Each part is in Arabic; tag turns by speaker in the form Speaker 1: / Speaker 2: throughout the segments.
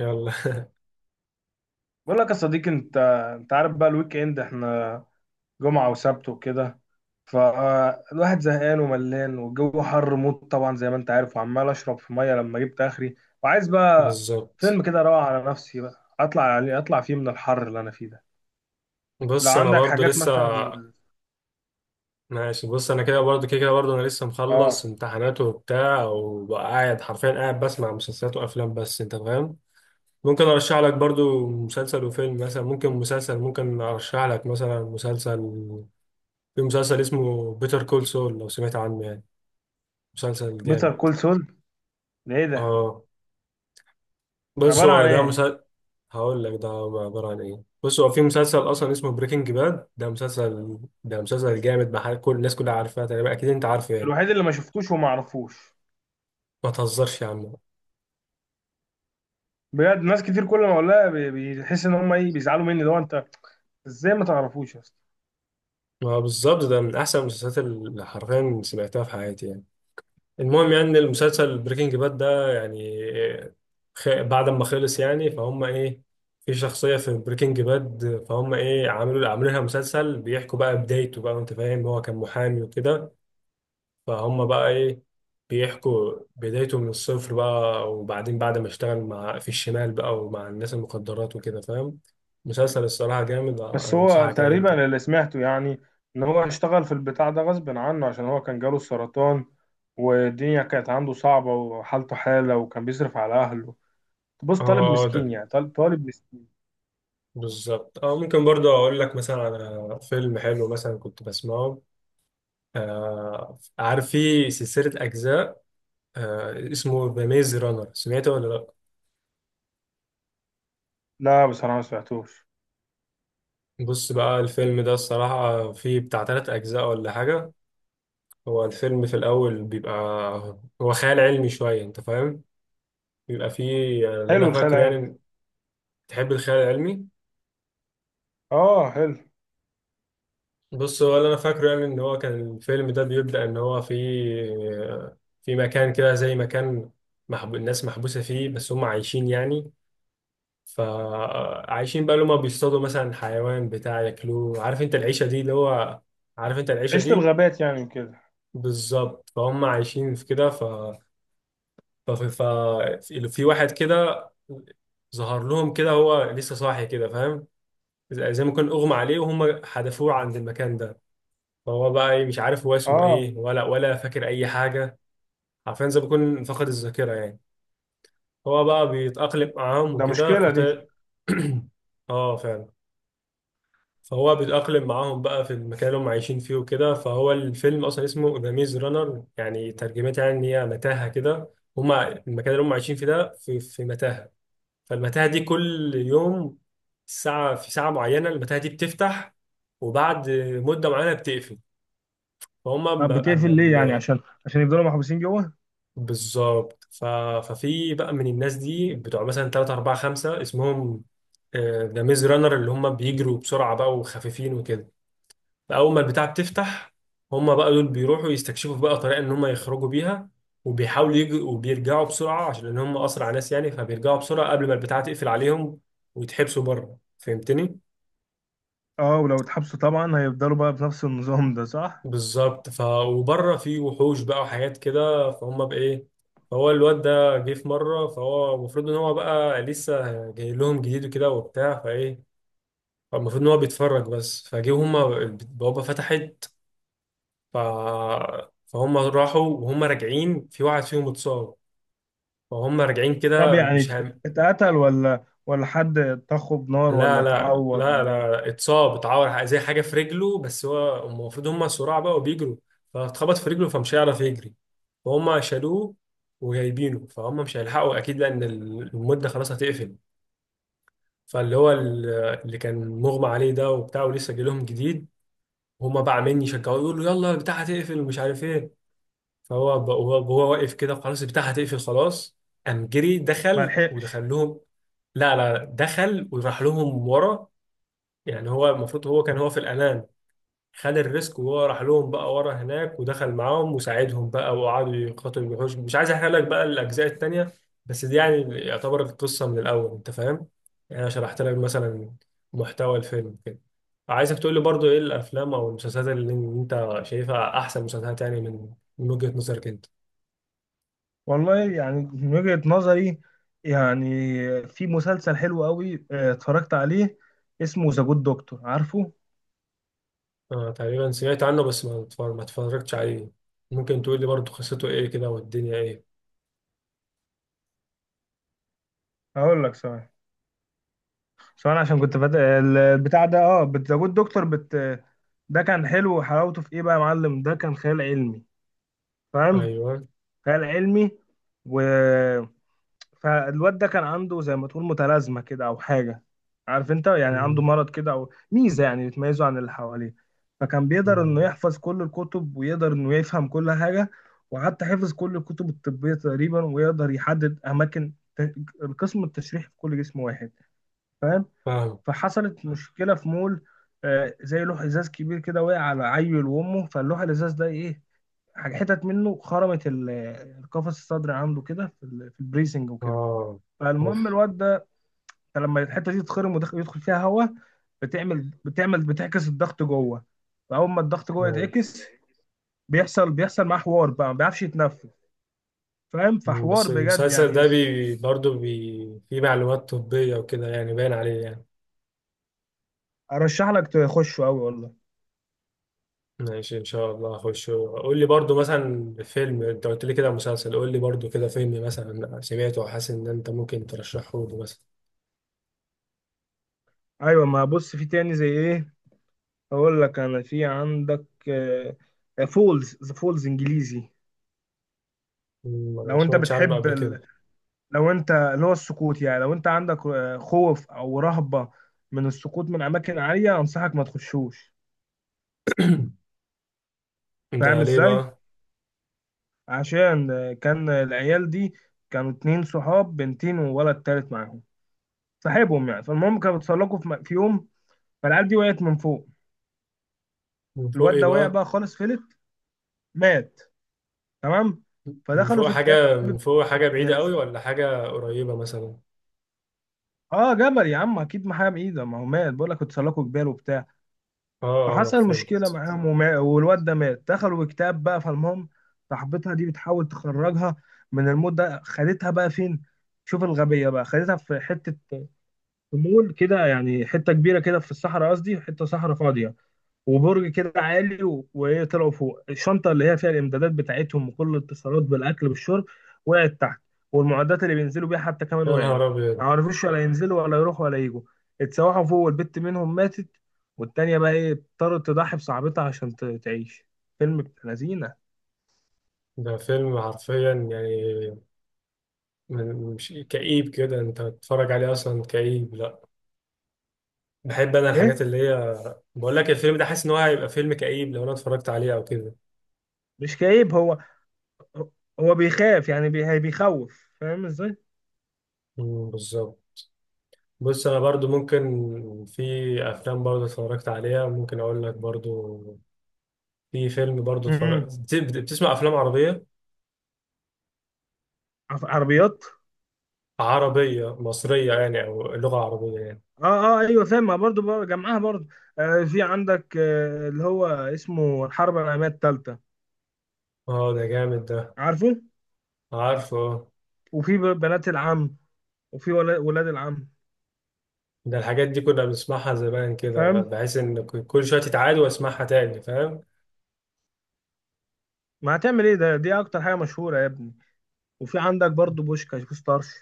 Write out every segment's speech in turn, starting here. Speaker 1: يلا.
Speaker 2: بقول لك يا صديقي انت. انت عارف بقى الويك اند احنا جمعة وسبت وكده. فالواحد زهقان وملان والجو حر موت طبعا زي ما انت عارف، وعمال اشرب في ميه لما جبت اخري وعايز بقى
Speaker 1: بالظبط.
Speaker 2: فيلم كده اروق على نفسي بقى، اطلع عليه اطلع فيه من الحر اللي انا فيه ده. لو
Speaker 1: بص، انا
Speaker 2: عندك
Speaker 1: برضو
Speaker 2: حاجات
Speaker 1: لسه
Speaker 2: مثلا.
Speaker 1: ماشي. بص انا كده برضو كده برضو، انا لسه
Speaker 2: اه.
Speaker 1: مخلص امتحانات وبتاع، وقاعد حرفيا قاعد بسمع مسلسلات وافلام، بس انت فاهم. ممكن ارشح لك برضو مسلسل وفيلم مثلا، ممكن ارشح لك مثلا مسلسل. في مسلسل اسمه بيتر كول سول، لو سمعت عنه يعني، مسلسل
Speaker 2: بيتر
Speaker 1: جامد.
Speaker 2: كول سول؟ ده ايه ده؟
Speaker 1: اه، بص
Speaker 2: عبارة عن
Speaker 1: هو ده.
Speaker 2: ايه؟
Speaker 1: هقول لك ده عبارة عن ايه. بص، هو في مسلسل اصلا اسمه بريكنج باد، ده مسلسل، ده مسلسل جامد بحال، كل الناس كلها عارفاه تقريبا، اكيد انت عارفه يعني.
Speaker 2: الوحيد اللي ما شفتوش وما اعرفوش.
Speaker 1: ما تهزرش يا عم.
Speaker 2: بجد ناس كتير كل ما اقولها بيحس ان هم ايه، بيزعلوا مني. لو انت، ازاي ما تعرفوش يا اسطى؟
Speaker 1: ما بالظبط ده من احسن المسلسلات اللي حرفيا سمعتها في حياتي يعني. المهم، يعني إن المسلسل بريكنج باد ده يعني بعد ما خلص يعني، فهم ايه، في شخصية في بريكنج باد، فهم ايه، عملوا لها مسلسل بيحكوا بقى بدايته بقى، انت فاهم، هو كان محامي وكده. فهم بقى ايه، بيحكوا بدايته من الصفر بقى، وبعدين بعد ما اشتغل مع، في الشمال بقى، ومع الناس المخدرات وكده، فاهم. مسلسل الصراحة جامد،
Speaker 2: بس هو
Speaker 1: انصحك يعني انت. اه
Speaker 2: تقريبا اللي سمعته يعني ان هو اشتغل في البتاع ده غصب عنه، عشان هو كان جاله السرطان والدنيا كانت عنده صعبة وحالته حالة، وكان بيصرف على اهله. بص، طالب
Speaker 1: آه،
Speaker 2: مسكين
Speaker 1: ده
Speaker 2: يعني، طالب مسكين.
Speaker 1: بالظبط. اه، ممكن برضه اقول لك مثلا على فيلم حلو مثلا كنت بسمعه. آه، عارف في سلسلة أجزاء، آه اسمه ذا ميز رانر، سمعته ولا لأ؟
Speaker 2: لا بصراحة ما سمعتوش.
Speaker 1: بص بقى، الفيلم ده الصراحة فيه بتاع تلات أجزاء ولا حاجة. هو الفيلم في الأول بيبقى، هو خيال علمي شوية، أنت فاهم؟ بيبقى فيه يعني، اللي
Speaker 2: حلو
Speaker 1: أنا
Speaker 2: الخيال
Speaker 1: فاكره
Speaker 2: العلمي.
Speaker 1: يعني. تحب الخيال العلمي؟
Speaker 2: اه حلو.
Speaker 1: بص، هو اللي أنا فاكره يعني إن هو كان الفيلم ده بيبدأ إن هو في، في مكان كده زي مكان الناس محبوسة فيه، بس هم عايشين يعني. فعايشين بقى، اللي هم بيصطادوا مثلا حيوان بتاع ياكلوه. عارف أنت العيشة دي، اللي هو، عارف أنت العيشة
Speaker 2: عشت
Speaker 1: دي؟
Speaker 2: الغابات يعني كده.
Speaker 1: بالظبط. فهم عايشين في كده، ففي في واحد كده ظهر لهم كده، هو لسه صاحي كده، فاهم. زي ما كان اغمى عليه وهم حدفوه عند المكان ده. فهو بقى إيه، مش عارف هو اسمه
Speaker 2: اه،
Speaker 1: ايه، ولا فاكر اي حاجه. عارفين، زي ما يكون فقد الذاكره يعني. هو بقى بيتاقلم معاهم
Speaker 2: ده
Speaker 1: وكده،
Speaker 2: مشكلة دي.
Speaker 1: فطلع. اه، فعلا. فهو بيتاقلم معاهم بقى في المكان اللي هم عايشين فيه وكده. فهو الفيلم اصلا اسمه ذا ميز رانر، يعني ترجمتها يعني ان هي متاهه كده. هم المكان اللي هم عايشين فيه ده في متاهه. فالمتاهة دي كل يوم، ساعة، في ساعة معينة المتاهة دي بتفتح، وبعد مدة معينة بتقفل. فهم
Speaker 2: طب بتقفل ليه؟ يعني عشان يفضلوا محبوسين جوه؟
Speaker 1: بالظبط. ففي بقى من الناس دي بتوع مثلا 3 4 5 اسمهم ذا ميز رانر، اللي هم بيجروا بسرعة بقى وخفيفين وكده. فأول ما البتاع بتفتح، هم بقى دول بيروحوا يستكشفوا بقى طريقة إن هم يخرجوا بيها، وبيحاولوا يجوا وبيرجعوا بسرعة، عشان إن هم أسرع ناس يعني، فبيرجعوا بسرعة قبل ما البتاع تقفل عليهم ويتحبسوا بره، فهمتني؟
Speaker 2: اه، ولو اتحبسوا طبعا هيفضلوا بقى بنفس النظام ده، صح؟
Speaker 1: بالظبط. وبره في وحوش بقى وحاجات كده، فهم بايه. فهو الواد ده جه في مره، فهو المفروض ان هو بقى لسه جاي لهم جديد وكده وبتاع، فايه فالمفروض ان هو بيتفرج بس، فجه هما البوابه فتحت. ف فهم راحوا، وهم راجعين في واحد فيهم اتصاب. فهم راجعين
Speaker 2: طب
Speaker 1: كده،
Speaker 2: يعني
Speaker 1: مش هم...
Speaker 2: اتقتل ولا، ولا حد طخه بنار، ولا
Speaker 1: لا لا
Speaker 2: اتعور
Speaker 1: لا
Speaker 2: ولا ايه؟
Speaker 1: لا اتصاب، اتعور زي حاجه في رجله، بس هو، هم المفروض هم سراع بقى وبيجروا، فاتخبط في رجله فمش هيعرف يجري. فهم شالوه وجايبينه، فهم مش هيلحقوا اكيد لان المده خلاص هتقفل. فاللي هو ال- اللي كان مغمى عليه ده وبتاع ولسه جاي لهم جديد، هم بقى عمالين يشجعوه يقولوا يلا البتاع هتقفل ومش عارف ايه. فهو وهو واقف كده، خلاص البتاع هتقفل خلاص، قام جري
Speaker 2: ما
Speaker 1: دخل
Speaker 2: لحقش؟
Speaker 1: ودخل لهم. لا دخل وراح لهم ورا. يعني هو المفروض هو كان هو في الأمان، خد الريسك وهو راح لهم بقى ورا هناك، ودخل معاهم وساعدهم بقى، وقعدوا يقاتلوا الوحوش. مش عايز احرق لك بقى الأجزاء التانية، بس دي يعني يعتبر القصة من الأول، أنت فاهم؟ يعني أنا شرحت لك مثلا محتوى الفيلم كده. عايزك تقول لي برضو إيه الأفلام أو المسلسلات اللي أنت شايفها أحسن مسلسلات يعني، من وجهة نظرك أنت.
Speaker 2: والله يعني من وجهة نظري، يعني في مسلسل حلو قوي، اه، اتفرجت عليه اسمه ذا جود دكتور، عارفه؟
Speaker 1: آه تقريبا سمعت عنه، بس ما اتفرجتش عليه. ممكن تقول لي برضو قصته إيه كده، والدنيا إيه؟
Speaker 2: هقول لك. ثواني، ثواني عشان كنت فات البتاع ده. اه، ذا جود دكتور. بت ده كان حلو، وحلاوته في ايه بقى يا معلم؟ ده كان خيال علمي، فاهم؟
Speaker 1: أيوه.
Speaker 2: خيال علمي. و، فالواد ده كان عنده زي ما تقول متلازمة كده أو حاجة، عارف أنت؟ يعني عنده
Speaker 1: مم.
Speaker 2: مرض كده أو ميزة يعني بتميزه عن اللي حواليه. فكان بيقدر إنه
Speaker 1: مم.
Speaker 2: يحفظ كل الكتب ويقدر إنه يفهم كل حاجة، وحتى حفظ كل الكتب الطبية تقريبا، ويقدر يحدد أماكن القسم التشريحي في كل جسم واحد، فاهم؟
Speaker 1: فاهم.
Speaker 2: فحصلت مشكلة في مول، آه، زي لوح إزاز كبير كده وقع على عيل وأمه، فاللوح الإزاز ده إيه، حتت منه خرمت القفص الصدري عنده كده في في البريسنج وكده.
Speaker 1: اه. اوف.
Speaker 2: فالمهم الواد ده، أنت لما الحته دي تتخرم ويدخل يدخل فيها هواء، بتعمل بتعكس الضغط جوه. فاول ما الضغط جوه
Speaker 1: نعم.
Speaker 2: يتعكس، بيحصل معاه حوار بقى، ما بيعرفش يتنفس، فاهم؟
Speaker 1: مم،
Speaker 2: فحوار
Speaker 1: بس
Speaker 2: بجد
Speaker 1: المسلسل
Speaker 2: يعني.
Speaker 1: ده بي فيه معلومات طبية وكده يعني، باين عليه يعني.
Speaker 2: ارشح لك تخشه قوي والله.
Speaker 1: ماشي، ان شاء الله اخش. قول لي برضه مثلا فيلم، انت قلت لي كده مسلسل، قول لي برضه كده فيلم مثلا سمعته وحاسس ان انت ممكن ترشحه لي مثلا.
Speaker 2: ايوه، ما بص في تاني زي ايه، اقول لك انا في عندك آه، فولز، ذا فولز، انجليزي.
Speaker 1: مم، انا ما
Speaker 2: لو انت
Speaker 1: سمعتش عنه
Speaker 2: بتحب
Speaker 1: قبل كده.
Speaker 2: ال... لو انت اللي هو السقوط يعني، لو انت عندك آه، خوف او رهبة من السقوط من اماكن عالية، انصحك ما تخشوش، فاهم
Speaker 1: ده ليه
Speaker 2: ازاي؟
Speaker 1: بقى؟
Speaker 2: عشان كان العيال دي كانوا اتنين صحاب، بنتين وولد تالت معاهم صاحبهم يعني. فالمهم كانوا بيتسلقوا في في يوم، فالعيال دي وقعت من فوق.
Speaker 1: من فوق
Speaker 2: الواد
Speaker 1: ايه
Speaker 2: ده وقع
Speaker 1: بقى؟
Speaker 2: بقى خالص، فلت، مات، تمام؟
Speaker 1: من
Speaker 2: فدخلوا
Speaker 1: فوق
Speaker 2: في كتاب
Speaker 1: حاجة،
Speaker 2: ابن
Speaker 1: من فوق حاجة بعيدة قوي ولا
Speaker 2: لذين.
Speaker 1: حاجة قريبة مثلا؟
Speaker 2: اه جبل يا عم اكيد، ما حاجه بايده، ما هو مات بقول لك، اتسلقوا جبال وبتاع.
Speaker 1: اه اه
Speaker 2: فحصل مشكله
Speaker 1: فهمت.
Speaker 2: معاهم وما... والواد ده مات، دخلوا في كتاب بقى. فالمهم صاحبتها دي بتحاول تخرجها من الموت ده. خدتها بقى فين؟ شوف الغبيه بقى، خدتها في حته في مول كده يعني حته كبيره كده في الصحراء، قصدي حته صحراء فاضيه، وبرج كده عالي و- وايه، طلعوا فوق. الشنطه اللي هي فيها الامدادات بتاعتهم وكل الاتصالات بالاكل بالشرب وقعت تحت، والمعدات اللي بينزلوا بيها حتى كمان
Speaker 1: يا
Speaker 2: وقعت.
Speaker 1: نهار
Speaker 2: ما
Speaker 1: أبيض.
Speaker 2: عرفوش ولا ينزلوا ولا يروحوا ولا يجوا. اتسوحوا فوق، والبت منهم ماتت، والتانية بقى ايه، اضطرت تضحي بصاحبتها عشان تعيش. فيلم ابن لذينه.
Speaker 1: ده فيلم حرفيا يعني، مش كئيب كده انت تتفرج عليه؟ اصلا كئيب؟ لا، بحب انا
Speaker 2: ايه،
Speaker 1: الحاجات اللي هي. بقول لك الفيلم ده حاسس ان هو هيبقى فيلم كئيب لو انا اتفرجت عليه او كده.
Speaker 2: مش كئيب هو. هو بيخاف يعني بيخوف، فاهم ازاي؟
Speaker 1: مم، بالظبط. بص انا برضو ممكن، في افلام برضو اتفرجت عليها ممكن اقول لك برضو، في فيلم برضو
Speaker 2: م- م.
Speaker 1: اتفرجت. بتسمع افلام عربية؟
Speaker 2: عربيات؟
Speaker 1: عربية مصرية يعني او لغة عربية يعني؟
Speaker 2: اه. اه ايوه فاهم، ما برضو جمعها برضو. آه في عندك آه اللي هو اسمه الحرب العالميه الثالثه،
Speaker 1: اه، ده جامد ده.
Speaker 2: عارفه؟
Speaker 1: عارفه آه.
Speaker 2: وفي بنات العم، وفي ولاد العم.
Speaker 1: ده الحاجات دي كنا بنسمعها زمان كده،
Speaker 2: فاهم،
Speaker 1: بحيث ان كل شوية تتعاد واسمعها تاني، فاهم.
Speaker 2: ما هتعمل ايه، ده دي اكتر حاجه مشهوره يا ابني. وفي عندك برضو بوشكاش، بوستارش.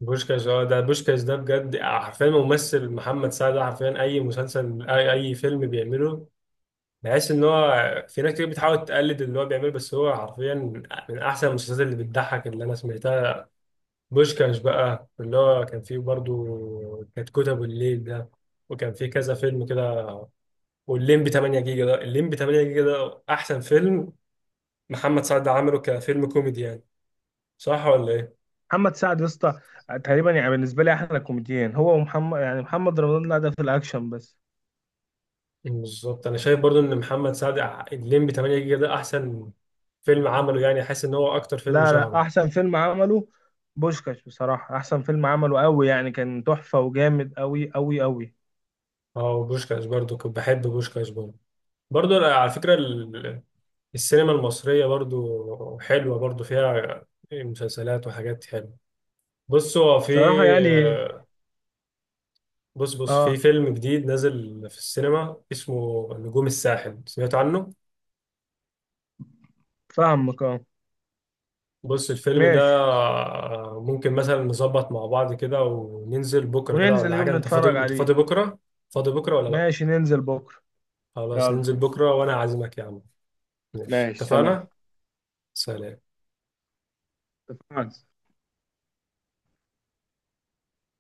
Speaker 1: بوشكاش، اه، ده بوشكاش ده بجد حرفيا، ممثل محمد سعد ده حرفيا اي مسلسل، اي فيلم بيعمله، بحس ان هو، في ناس كتير بتحاول تقلد اللي هو بيعمله، بس هو حرفيا من احسن المسلسلات اللي بتضحك اللي انا سمعتها. بوشكاش بقى اللي هو كان فيه برضو، كانت كتب الليل ده، وكان فيه كذا فيلم كده. والليمبي 8 جيجا ده، الليمبي 8 جيجا ده احسن فيلم محمد سعد عمله كفيلم كوميدي يعني، صح ولا ايه؟
Speaker 2: محمد سعد يا اسطى، آه، تقريبا يعني بالنسبه لي احلى كوميديان هو، ومحمد يعني، محمد رمضان لا ده في الاكشن بس.
Speaker 1: بالظبط، انا شايف برضو ان محمد سعد الليمبي 8 جيجا ده احسن فيلم عمله يعني، حاسس ان هو اكتر فيلم
Speaker 2: لا لا،
Speaker 1: شهره.
Speaker 2: احسن فيلم عمله بوشكاش، بصراحه احسن فيلم عمله، قوي يعني، كان تحفه وجامد قوي قوي قوي.
Speaker 1: اه، وبوشكاش برضو كنت بحب بوشكاش برضو. برضو أنا على فكره السينما المصريه برضو حلوه، برضو فيها مسلسلات وحاجات حلوه. بص هو في
Speaker 2: بصراحه يعني،
Speaker 1: بص في
Speaker 2: اه
Speaker 1: فيلم جديد نازل في السينما اسمه نجوم الساحل، سمعت عنه؟
Speaker 2: فاهمك اه.
Speaker 1: بص الفيلم ده
Speaker 2: ماشي،
Speaker 1: ممكن مثلا نظبط مع بعض كده وننزل بكرة كده
Speaker 2: وننزل
Speaker 1: ولا حاجة،
Speaker 2: يوم
Speaker 1: انت فاضي،
Speaker 2: نتفرج
Speaker 1: انت
Speaker 2: عليه.
Speaker 1: فاضي بكرة؟ فاضي بكرة ولا لا؟
Speaker 2: ماشي ننزل بكرة.
Speaker 1: خلاص،
Speaker 2: يلا.
Speaker 1: ننزل بكرة وانا عازمك يا عم. ماشي
Speaker 2: ماشي سلام.
Speaker 1: اتفقنا. سلام.
Speaker 2: اتفقنا.